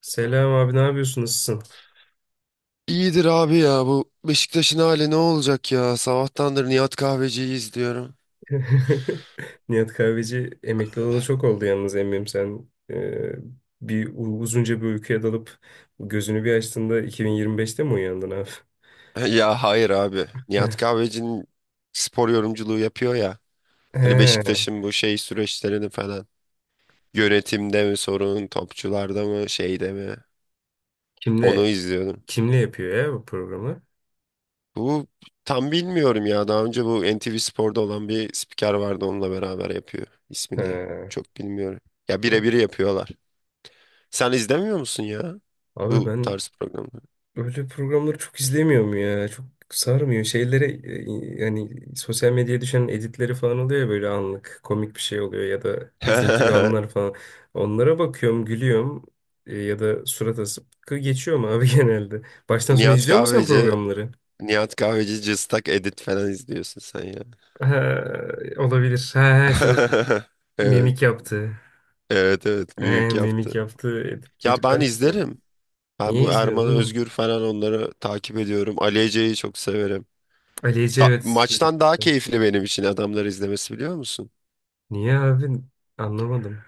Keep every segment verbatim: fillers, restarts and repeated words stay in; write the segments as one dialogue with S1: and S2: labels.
S1: Selam abi, ne yapıyorsun, nasılsın?
S2: İyidir abi ya bu Beşiktaş'ın hali ne olacak ya? Sabahtandır Nihat Kahveci'yi izliyorum.
S1: Nihat Kahveci emekli olalı çok oldu yalnız. Eminim sen e, bir u- uzunca bir uykuya dalıp gözünü bir açtığında iki bin yirmi beşte mi uyandın abi?
S2: Ya hayır abi. Nihat Kahveci'nin spor yorumculuğu yapıyor ya. Hani
S1: He.
S2: Beşiktaş'ın bu şey süreçlerini falan. Yönetimde mi sorun, topçularda mı, şeyde mi? Onu
S1: kimle
S2: izliyordum.
S1: kimle yapıyor ya bu programı?
S2: Bu tam bilmiyorum ya. Daha önce bu N T V Spor'da olan bir spiker vardı onunla beraber yapıyor.
S1: He.
S2: İsmini çok bilmiyorum. Ya birebir yapıyorlar. Sen izlemiyor musun ya
S1: Abi
S2: bu
S1: ben
S2: tarz programları?
S1: öyle programları çok izlemiyorum ya. Çok sarmıyor. Şeylere e, yani sosyal medyaya düşen editleri falan oluyor ya, böyle anlık komik bir şey oluyor ya da üzüntülü anlar falan. Onlara bakıyorum, gülüyorum e, ya da surat asıp kı- geçiyorum abi genelde. Baştan sona
S2: Nihat
S1: izliyor musun sen
S2: Kahveci,
S1: programları?
S2: Nihat Kahveci cıstak edit falan izliyorsun sen ya.
S1: Ha, olabilir. Ha, ha, şu mimik
S2: Evet,
S1: yaptı.
S2: evet, evet,
S1: Ha,
S2: mimik
S1: mimik
S2: yaptı.
S1: yaptığı editleri
S2: Ya ben
S1: ben izliyorum.
S2: izlerim. Ben
S1: Niye
S2: bu
S1: izliyorsun
S2: Erman
S1: oğlum?
S2: Özgür falan onları takip ediyorum. Ali Ece'yi çok severim.
S1: Ali Ece,
S2: Ta-
S1: evet çocuk.
S2: maçtan daha keyifli benim için adamları izlemesi biliyor musun?
S1: Niye abi? Anlamadım.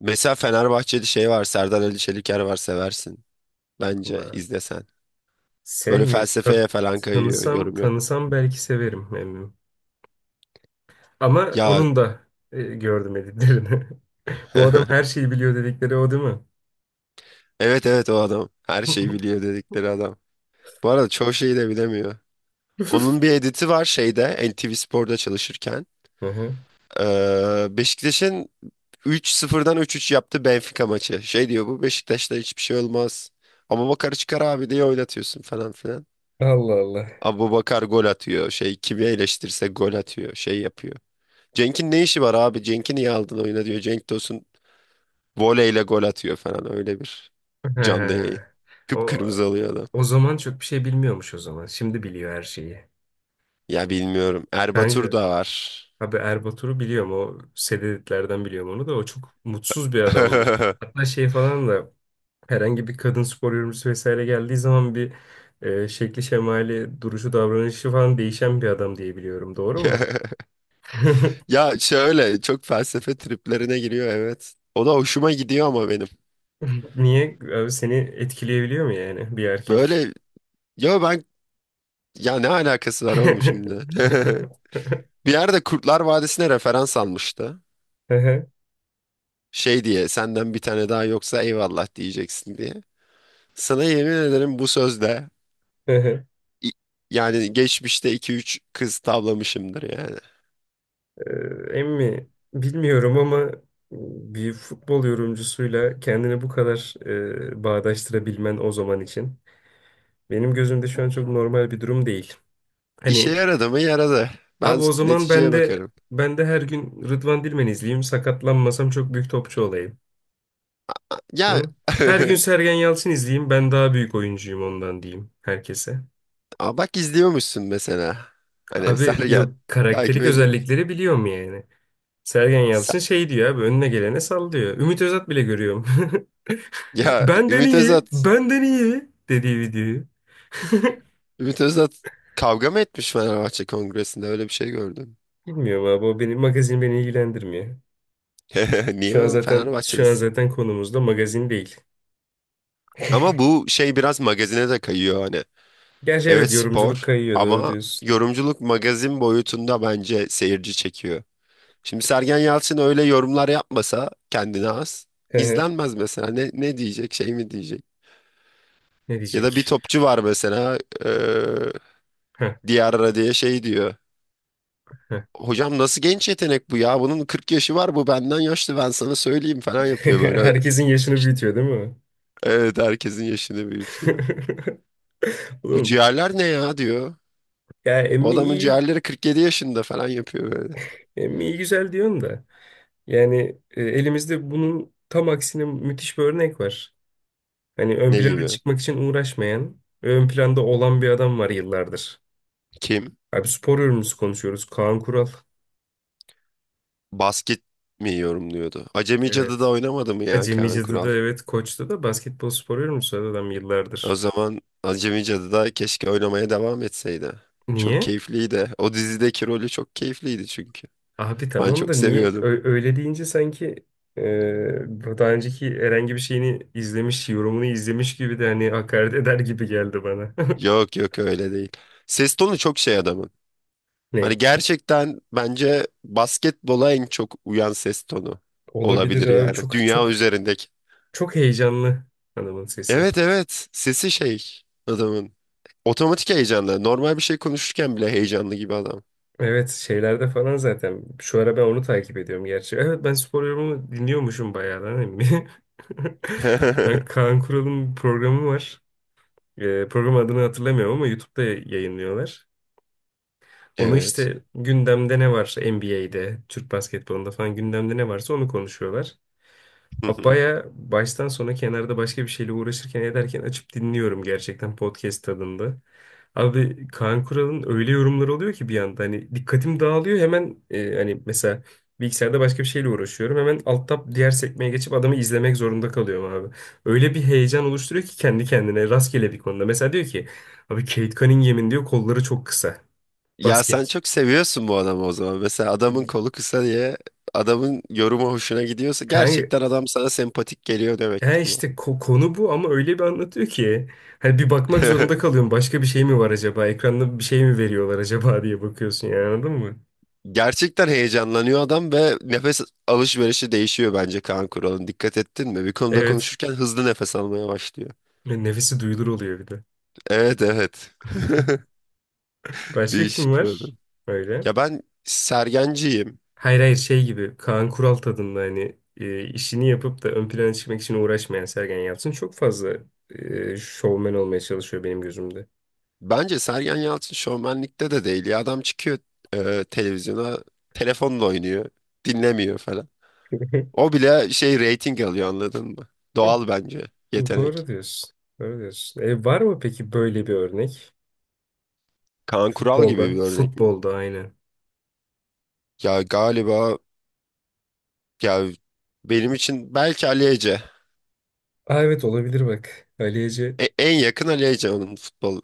S2: Mesela Fenerbahçeli şey var, Serdar Ali Çeliker var seversin. Bence
S1: Allah.
S2: izlesen. Böyle
S1: Sevmi ta-
S2: felsefeye falan kayıyor,
S1: Tanısam
S2: yorum yap.
S1: tanısam belki severim emmim. Ama
S2: Ya
S1: onun da e, gördüm editlerini. Bu adam her şeyi biliyor dedikleri o değil mi?
S2: evet evet o adam. Her şeyi biliyor dedikleri adam. Bu arada çoğu şeyi de bilemiyor. Onun bir editi var şeyde N T V Spor'da çalışırken.
S1: Hı hı.
S2: Ee, Beşiktaş'ın üç sıfırdan üç üç yaptı Benfica maçı. Şey diyor bu Beşiktaş'ta hiçbir şey olmaz. Ama Bakar çıkar abi diye oynatıyorsun falan filan.
S1: Allah Allah.
S2: Abu Bakar gol atıyor. Şey kimi eleştirirse gol atıyor. Şey yapıyor. Cenk'in ne işi var abi? Cenk'i niye aldın oyuna diyor. Cenk Tosun voleyle gol atıyor falan öyle bir
S1: He.
S2: canlı yayın.
S1: O
S2: Kıpkırmızı oluyor adam.
S1: o zaman çok bir şey bilmiyormuş o zaman. Şimdi biliyor her şeyi.
S2: Ya bilmiyorum. Erbatur
S1: Kanka
S2: da var.
S1: abi, Erbatur'u biliyorum, o sededitlerden biliyorum onu da. O çok mutsuz bir adamdı. Hatta şey falan da herhangi bir kadın spor yorumcusu vesaire geldiği zaman bir e, şekli şemali, duruşu, davranışı falan değişen bir adam diye biliyorum. Doğru mu?
S2: Ya şöyle çok felsefe triplerine giriyor evet. O da hoşuma gidiyor ama benim.
S1: Niye? Abi seni etkileyebiliyor mu yani bir erkek?
S2: Böyle ya ben Ya ne alakası var oğlum şimdi? Bir yerde Kurtlar Vadisi'ne referans almıştı.
S1: Ehe,
S2: Şey diye senden bir tane daha yoksa eyvallah diyeceksin diye. Sana yemin ederim bu sözle
S1: ehe.
S2: i- yani geçmişte iki üç kız tavlamışımdır yani.
S1: Ee, Emmi bilmiyorum ama e, bir futbol yorumcusuyla kendini bu kadar e, bağdaştırabilmen o zaman için. Benim gözümde şu an çok normal bir durum değil.
S2: İşe
S1: Hani
S2: yaradı mı yaradı. Ben
S1: abi o zaman ben
S2: neticeye
S1: de
S2: bakarım.
S1: ben de her gün Rıdvan Dilmen izleyeyim. Sakatlanmasam çok büyük topçu olayım.
S2: Ya
S1: Hı? Her gün Sergen Yalçın izleyeyim. Ben daha büyük oyuncuyum ondan diyeyim herkese.
S2: aa bak izliyormuşsun mesela. Hani
S1: Abi
S2: Sergen
S1: yok,
S2: takip
S1: karakterik
S2: ediyor musun?
S1: özellikleri biliyorum yani. Sergen Yalçın şey diyor abi, önüne gelene sallıyor. Ümit Özat bile görüyorum.
S2: Ya
S1: Benden
S2: Ümit
S1: iyi,
S2: Özat,
S1: benden iyi dediği videoyu.
S2: Ümit Özat kavga mı etmiş Fenerbahçe Kongresi'nde? Öyle bir şey gördüm.
S1: Bilmiyorum abi, o benim magazin, beni ilgilendirmiyor.
S2: Niye
S1: Şu an
S2: oğlum
S1: zaten şu an
S2: Fenerbahçe'desin?
S1: zaten konumuz da magazin değil.
S2: Ama bu şey biraz magazine de kayıyor hani.
S1: Gerçi
S2: Evet
S1: evet, yorumculuk
S2: spor
S1: kayıyor, doğru
S2: ama
S1: diyorsun.
S2: yorumculuk magazin boyutunda bence seyirci çekiyor. Şimdi Sergen Yalçın öyle yorumlar yapmasa kendine az izlenmez mesela. Ne, ne diyecek şey mi diyecek?
S1: Ne
S2: Ya da bir
S1: diyecek?
S2: topçu var mesela eee
S1: Heh,
S2: Diarra diye şey diyor.
S1: heh.
S2: Hocam nasıl genç yetenek bu ya? Bunun kırk yaşı var bu benden yaşlı ben sana söyleyeyim falan yapıyor böyle.
S1: Herkesin yaşını
S2: İşte,
S1: büyütüyor değil mi?
S2: evet herkesin yaşını büyütüyor. Bu
S1: Oğlum
S2: ciğerler ne ya diyor.
S1: ya
S2: Bu
S1: emmi
S2: adamın
S1: iyi,
S2: ciğerleri kırk yedi yaşında falan yapıyor böyle.
S1: emmi iyi güzel diyorsun da. Yani e, elimizde bunun tam aksine müthiş bir örnek var. Hani ön
S2: Ne
S1: plana
S2: gibi?
S1: çıkmak için uğraşmayan, ön planda olan bir adam var yıllardır.
S2: Kim?
S1: Abi spor yorumcusu konuşuyoruz. Kaan Kural.
S2: Basket mi yorumluyordu? Acemi Cadı'da
S1: Evet.
S2: oynamadı mı ya Kaan
S1: Acemice'de de,
S2: Kural?
S1: evet, Koç'ta da basketbol spor yorumcusu adam
S2: O
S1: yıllardır.
S2: zaman Acemi Cadı'da keşke oynamaya devam etseydi. Çok
S1: Niye?
S2: keyifliydi. O dizideki rolü çok keyifliydi çünkü.
S1: Abi
S2: Ben
S1: tamam da
S2: çok
S1: niye
S2: seviyordum.
S1: ö- öyle deyince sanki e, bu daha önceki herhangi bir şeyini izlemiş, yorumunu izlemiş gibi de hani hakaret eder gibi geldi bana.
S2: Yok yok öyle değil. Ses tonu çok şey adamın. Hani
S1: Ne?
S2: gerçekten bence basketbola en çok uyan ses tonu
S1: Olabilir
S2: olabilir
S1: abi,
S2: yani.
S1: çok
S2: Dünya
S1: çok
S2: üzerindeki.
S1: çok heyecanlı hanımın sesi.
S2: Evet evet sesi şey adamın. Otomatik heyecanlı. Normal bir şey konuşurken bile heyecanlı gibi adam.
S1: Evet, şeylerde falan zaten. Şu ara ben onu takip ediyorum gerçi. Evet, ben spor yorumunu dinliyormuşum bayağı lan emmi. Ben, Kaan Kural'ın bir programı var. E, program adını hatırlamıyorum ama YouTube'da yayınlıyorlar. Onu
S2: Evet.
S1: işte, gündemde ne var N B A'de, Türk basketbolunda falan gündemde ne varsa onu konuşuyorlar.
S2: Hı hı.
S1: Baya baştan sona kenarda başka bir şeyle uğraşırken ederken açıp dinliyorum, gerçekten podcast tadında. Abi Kaan Kural'ın öyle yorumları oluyor ki bir anda hani dikkatim dağılıyor hemen. E, hani mesela bilgisayarda başka bir şeyle uğraşıyorum. Hemen alt tab diğer sekmeye geçip adamı izlemek zorunda kalıyorum abi. Öyle bir heyecan oluşturuyor ki kendi kendine rastgele bir konuda. Mesela diyor ki abi, Kate Cunningham'in diyor kolları çok kısa
S2: Ya sen
S1: basketçi.
S2: çok seviyorsun bu adamı o zaman. Mesela adamın kolu kısa diye adamın yorumu hoşuna gidiyorsa
S1: Kanka
S2: gerçekten adam sana sempatik geliyor
S1: he,
S2: demektir bu.
S1: işte ko- konu bu ama öyle bir anlatıyor ki hani bir bakmak zorunda kalıyorum. Başka bir şey mi var acaba? Ekranda bir şey mi veriyorlar acaba diye bakıyorsun yani, anladın mı?
S2: Gerçekten heyecanlanıyor adam ve nefes alışverişi değişiyor bence Kaan Kural'ın. Dikkat ettin mi? Bir konuda
S1: Evet.
S2: konuşurken hızlı nefes almaya başlıyor.
S1: Nefesi duyulur oluyor bir de.
S2: Evet evet.
S1: Başka kim
S2: Değişik bir adam.
S1: var? Öyle.
S2: Ya ben Sergenciyim.
S1: Hayır hayır, şey gibi Kaan Kural tadında hani e, işini yapıp da ön plana çıkmak için uğraşmayan. Sergen Yalçın çok fazla e, şovmen olmaya çalışıyor benim gözümde.
S2: Bence Sergen Yalçın şovmenlikte de değil. Ya adam çıkıyor e, televizyona telefonla oynuyor. Dinlemiyor falan. O bile şey reyting alıyor anladın mı? Doğal bence
S1: Doğru
S2: yetenek.
S1: diyorsun. Doğru diyorsun. E, var mı peki böyle bir örnek?
S2: Kaan Kural gibi
S1: Futbolda.
S2: bir örnek mi?
S1: Futbolda aynen.
S2: Ya galiba ya benim için belki Ali Ece.
S1: Aa, evet, olabilir bak. Ali Ece.
S2: E- en yakın Ali Ece onun futbol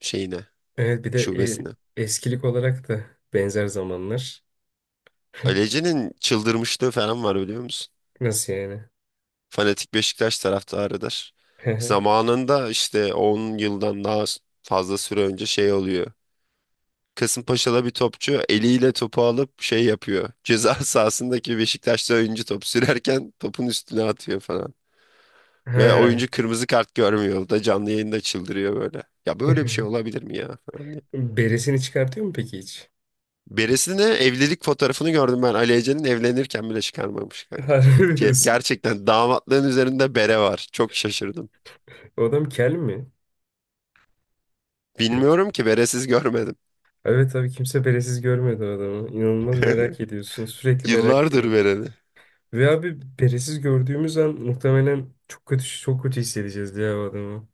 S2: şeyine,
S1: Evet bir de
S2: şubesine.
S1: e, eskilik olarak da benzer zamanlar.
S2: Ali Ece'nin çıldırmışlığı falan var biliyor musun?
S1: Nasıl yani?
S2: Fanatik Beşiktaş taraftarıdır. Zamanında işte on yıldan daha fazla süre önce şey oluyor. Kasımpaşa'da bir topçu eliyle topu alıp şey yapıyor. Ceza sahasındaki Beşiktaşlı oyuncu top sürerken topun üstüne atıyor falan. Ve
S1: Ha.
S2: oyuncu kırmızı kart görmüyor. O da canlı yayında çıldırıyor böyle. Ya böyle bir şey olabilir mi ya falan diye.
S1: Beresini çıkartıyor mu peki hiç?
S2: Birisine evlilik fotoğrafını gördüm ben. Ali Ece'nin evlenirken bile çıkarmamış kanka.
S1: Harbi mi
S2: Ge-
S1: diyorsun?
S2: gerçekten damatlığın üzerinde bere var. Çok şaşırdım.
S1: O adam kel mi? Yoksa.
S2: Bilmiyorum ki beresiz görmedim.
S1: Evet abi, kimse beresiz görmedi o adamı. İnanılmaz merak ediyorsun. Sürekli merak
S2: Yıllardır
S1: ediyorsun.
S2: bereli.
S1: Ve abi beresiz gördüğümüz an muhtemelen çok kötü çok kötü hissedeceğiz diye o adamı.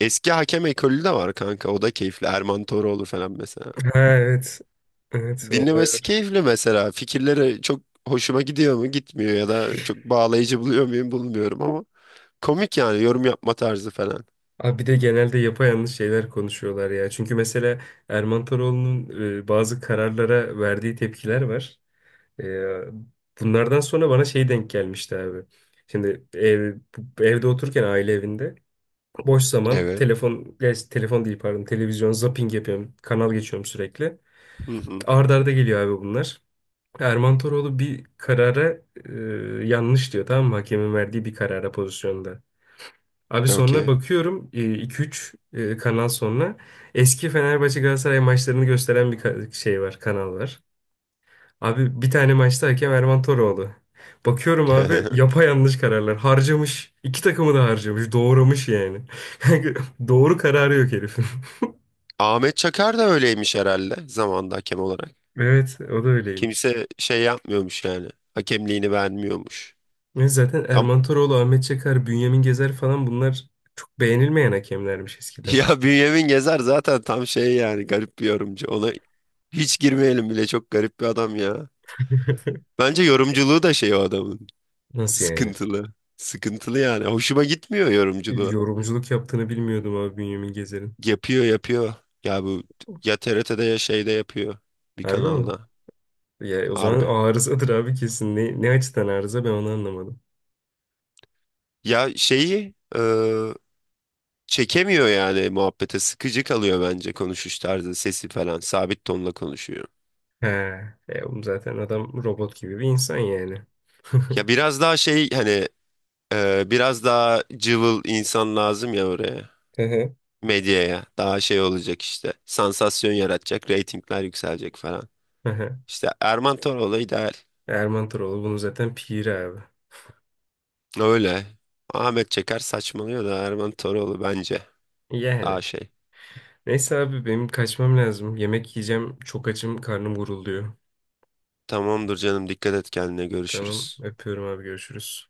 S2: Eski hakem ekolü de var kanka. O da keyifli. Erman Toroğlu falan mesela.
S1: Ha, evet. Evet olay.
S2: Dinlemesi keyifli mesela. Fikirleri çok hoşuma gidiyor mu? Gitmiyor ya da çok bağlayıcı buluyor muyum? Bulmuyorum ama komik yani yorum yapma tarzı falan.
S1: Abi bir de genelde yapayalnız şeyler konuşuyorlar ya. Çünkü mesela Erman Toroğlu'nun e, bazı kararlara verdiği tepkiler var. E, bunlardan sonra bana şey denk gelmişti abi. Şimdi ev, bu- evde otururken, aile evinde boş zaman
S2: Evet.
S1: telefon, gerçi telefon değil pardon, televizyon zapping yapıyorum. Kanal geçiyorum sürekli.
S2: Hı hı.
S1: Arda arda geliyor abi bunlar. Erman Toroğlu bir karara e, yanlış diyor, tamam mı? Hakemin verdiği bir karara, pozisyonda. Abi sonra
S2: Okey.
S1: bakıyorum e, iki üç e, kanal sonra eski Fenerbahçe Galatasaray maçlarını gösteren bir ka- şey var, kanal var. Abi bir tane maçta hakem Erman Toroğlu. Bakıyorum abi yapayalnız kararlar. Harcamış. İki takımı da harcamış. Doğramış yani. Doğru kararı yok herifin.
S2: Ahmet Çakar da öyleymiş herhalde zamanda hakem olarak.
S1: Evet, o da öyleymiş.
S2: Kimse şey yapmıyormuş yani. Hakemliğini beğenmiyormuş.
S1: Ve zaten
S2: Tam,
S1: Erman Toroğlu, Ahmet Çakar, Bünyamin Gezer falan bunlar çok beğenilmeyen hakemlermiş eskiden.
S2: ya Bünyamin Gezer zaten tam şey yani garip bir yorumcu. Ona hiç girmeyelim bile çok garip bir adam ya. Bence yorumculuğu da şey o adamın.
S1: Nasıl yani?
S2: Sıkıntılı. Sıkıntılı yani. Hoşuma gitmiyor yorumculuğu.
S1: Yorumculuk yaptığını bilmiyordum abi Bünyamin Gezer'in.
S2: Yapıyor yapıyor. Ya bu ya T R T'de ya şeyde yapıyor. Bir
S1: Harbi mi?
S2: kanalda.
S1: Ya o zaman
S2: Harbi.
S1: arızadır abi kesin. Ne, ne açıdan arıza, ben onu anlamadım.
S2: Ya şeyi e, çekemiyor yani muhabbete. Sıkıcı kalıyor bence konuşuş tarzı, sesi falan. Sabit tonla konuşuyor.
S1: He. E, oğlum zaten adam robot gibi bir insan yani.
S2: Ya biraz daha şey hani e, biraz daha cıvıl insan lazım ya oraya.
S1: Hı hı.
S2: Medyaya. Daha şey olacak işte. Sansasyon yaratacak, reytingler yükselecek falan.
S1: Hı hı.
S2: İşte Erman Toroğlu ideal.
S1: Erman Toroğlu bunu zaten piri abi.
S2: Öyle. Ahmet Çeker saçmalıyor da Erman Toroğlu bence
S1: Yani.
S2: daha şey.
S1: Neyse abi benim kaçmam lazım. Yemek yiyeceğim. Çok açım, karnım gurulduyor.
S2: Tamamdır canım dikkat et kendine
S1: Tamam,
S2: görüşürüz.
S1: öpüyorum abi, görüşürüz.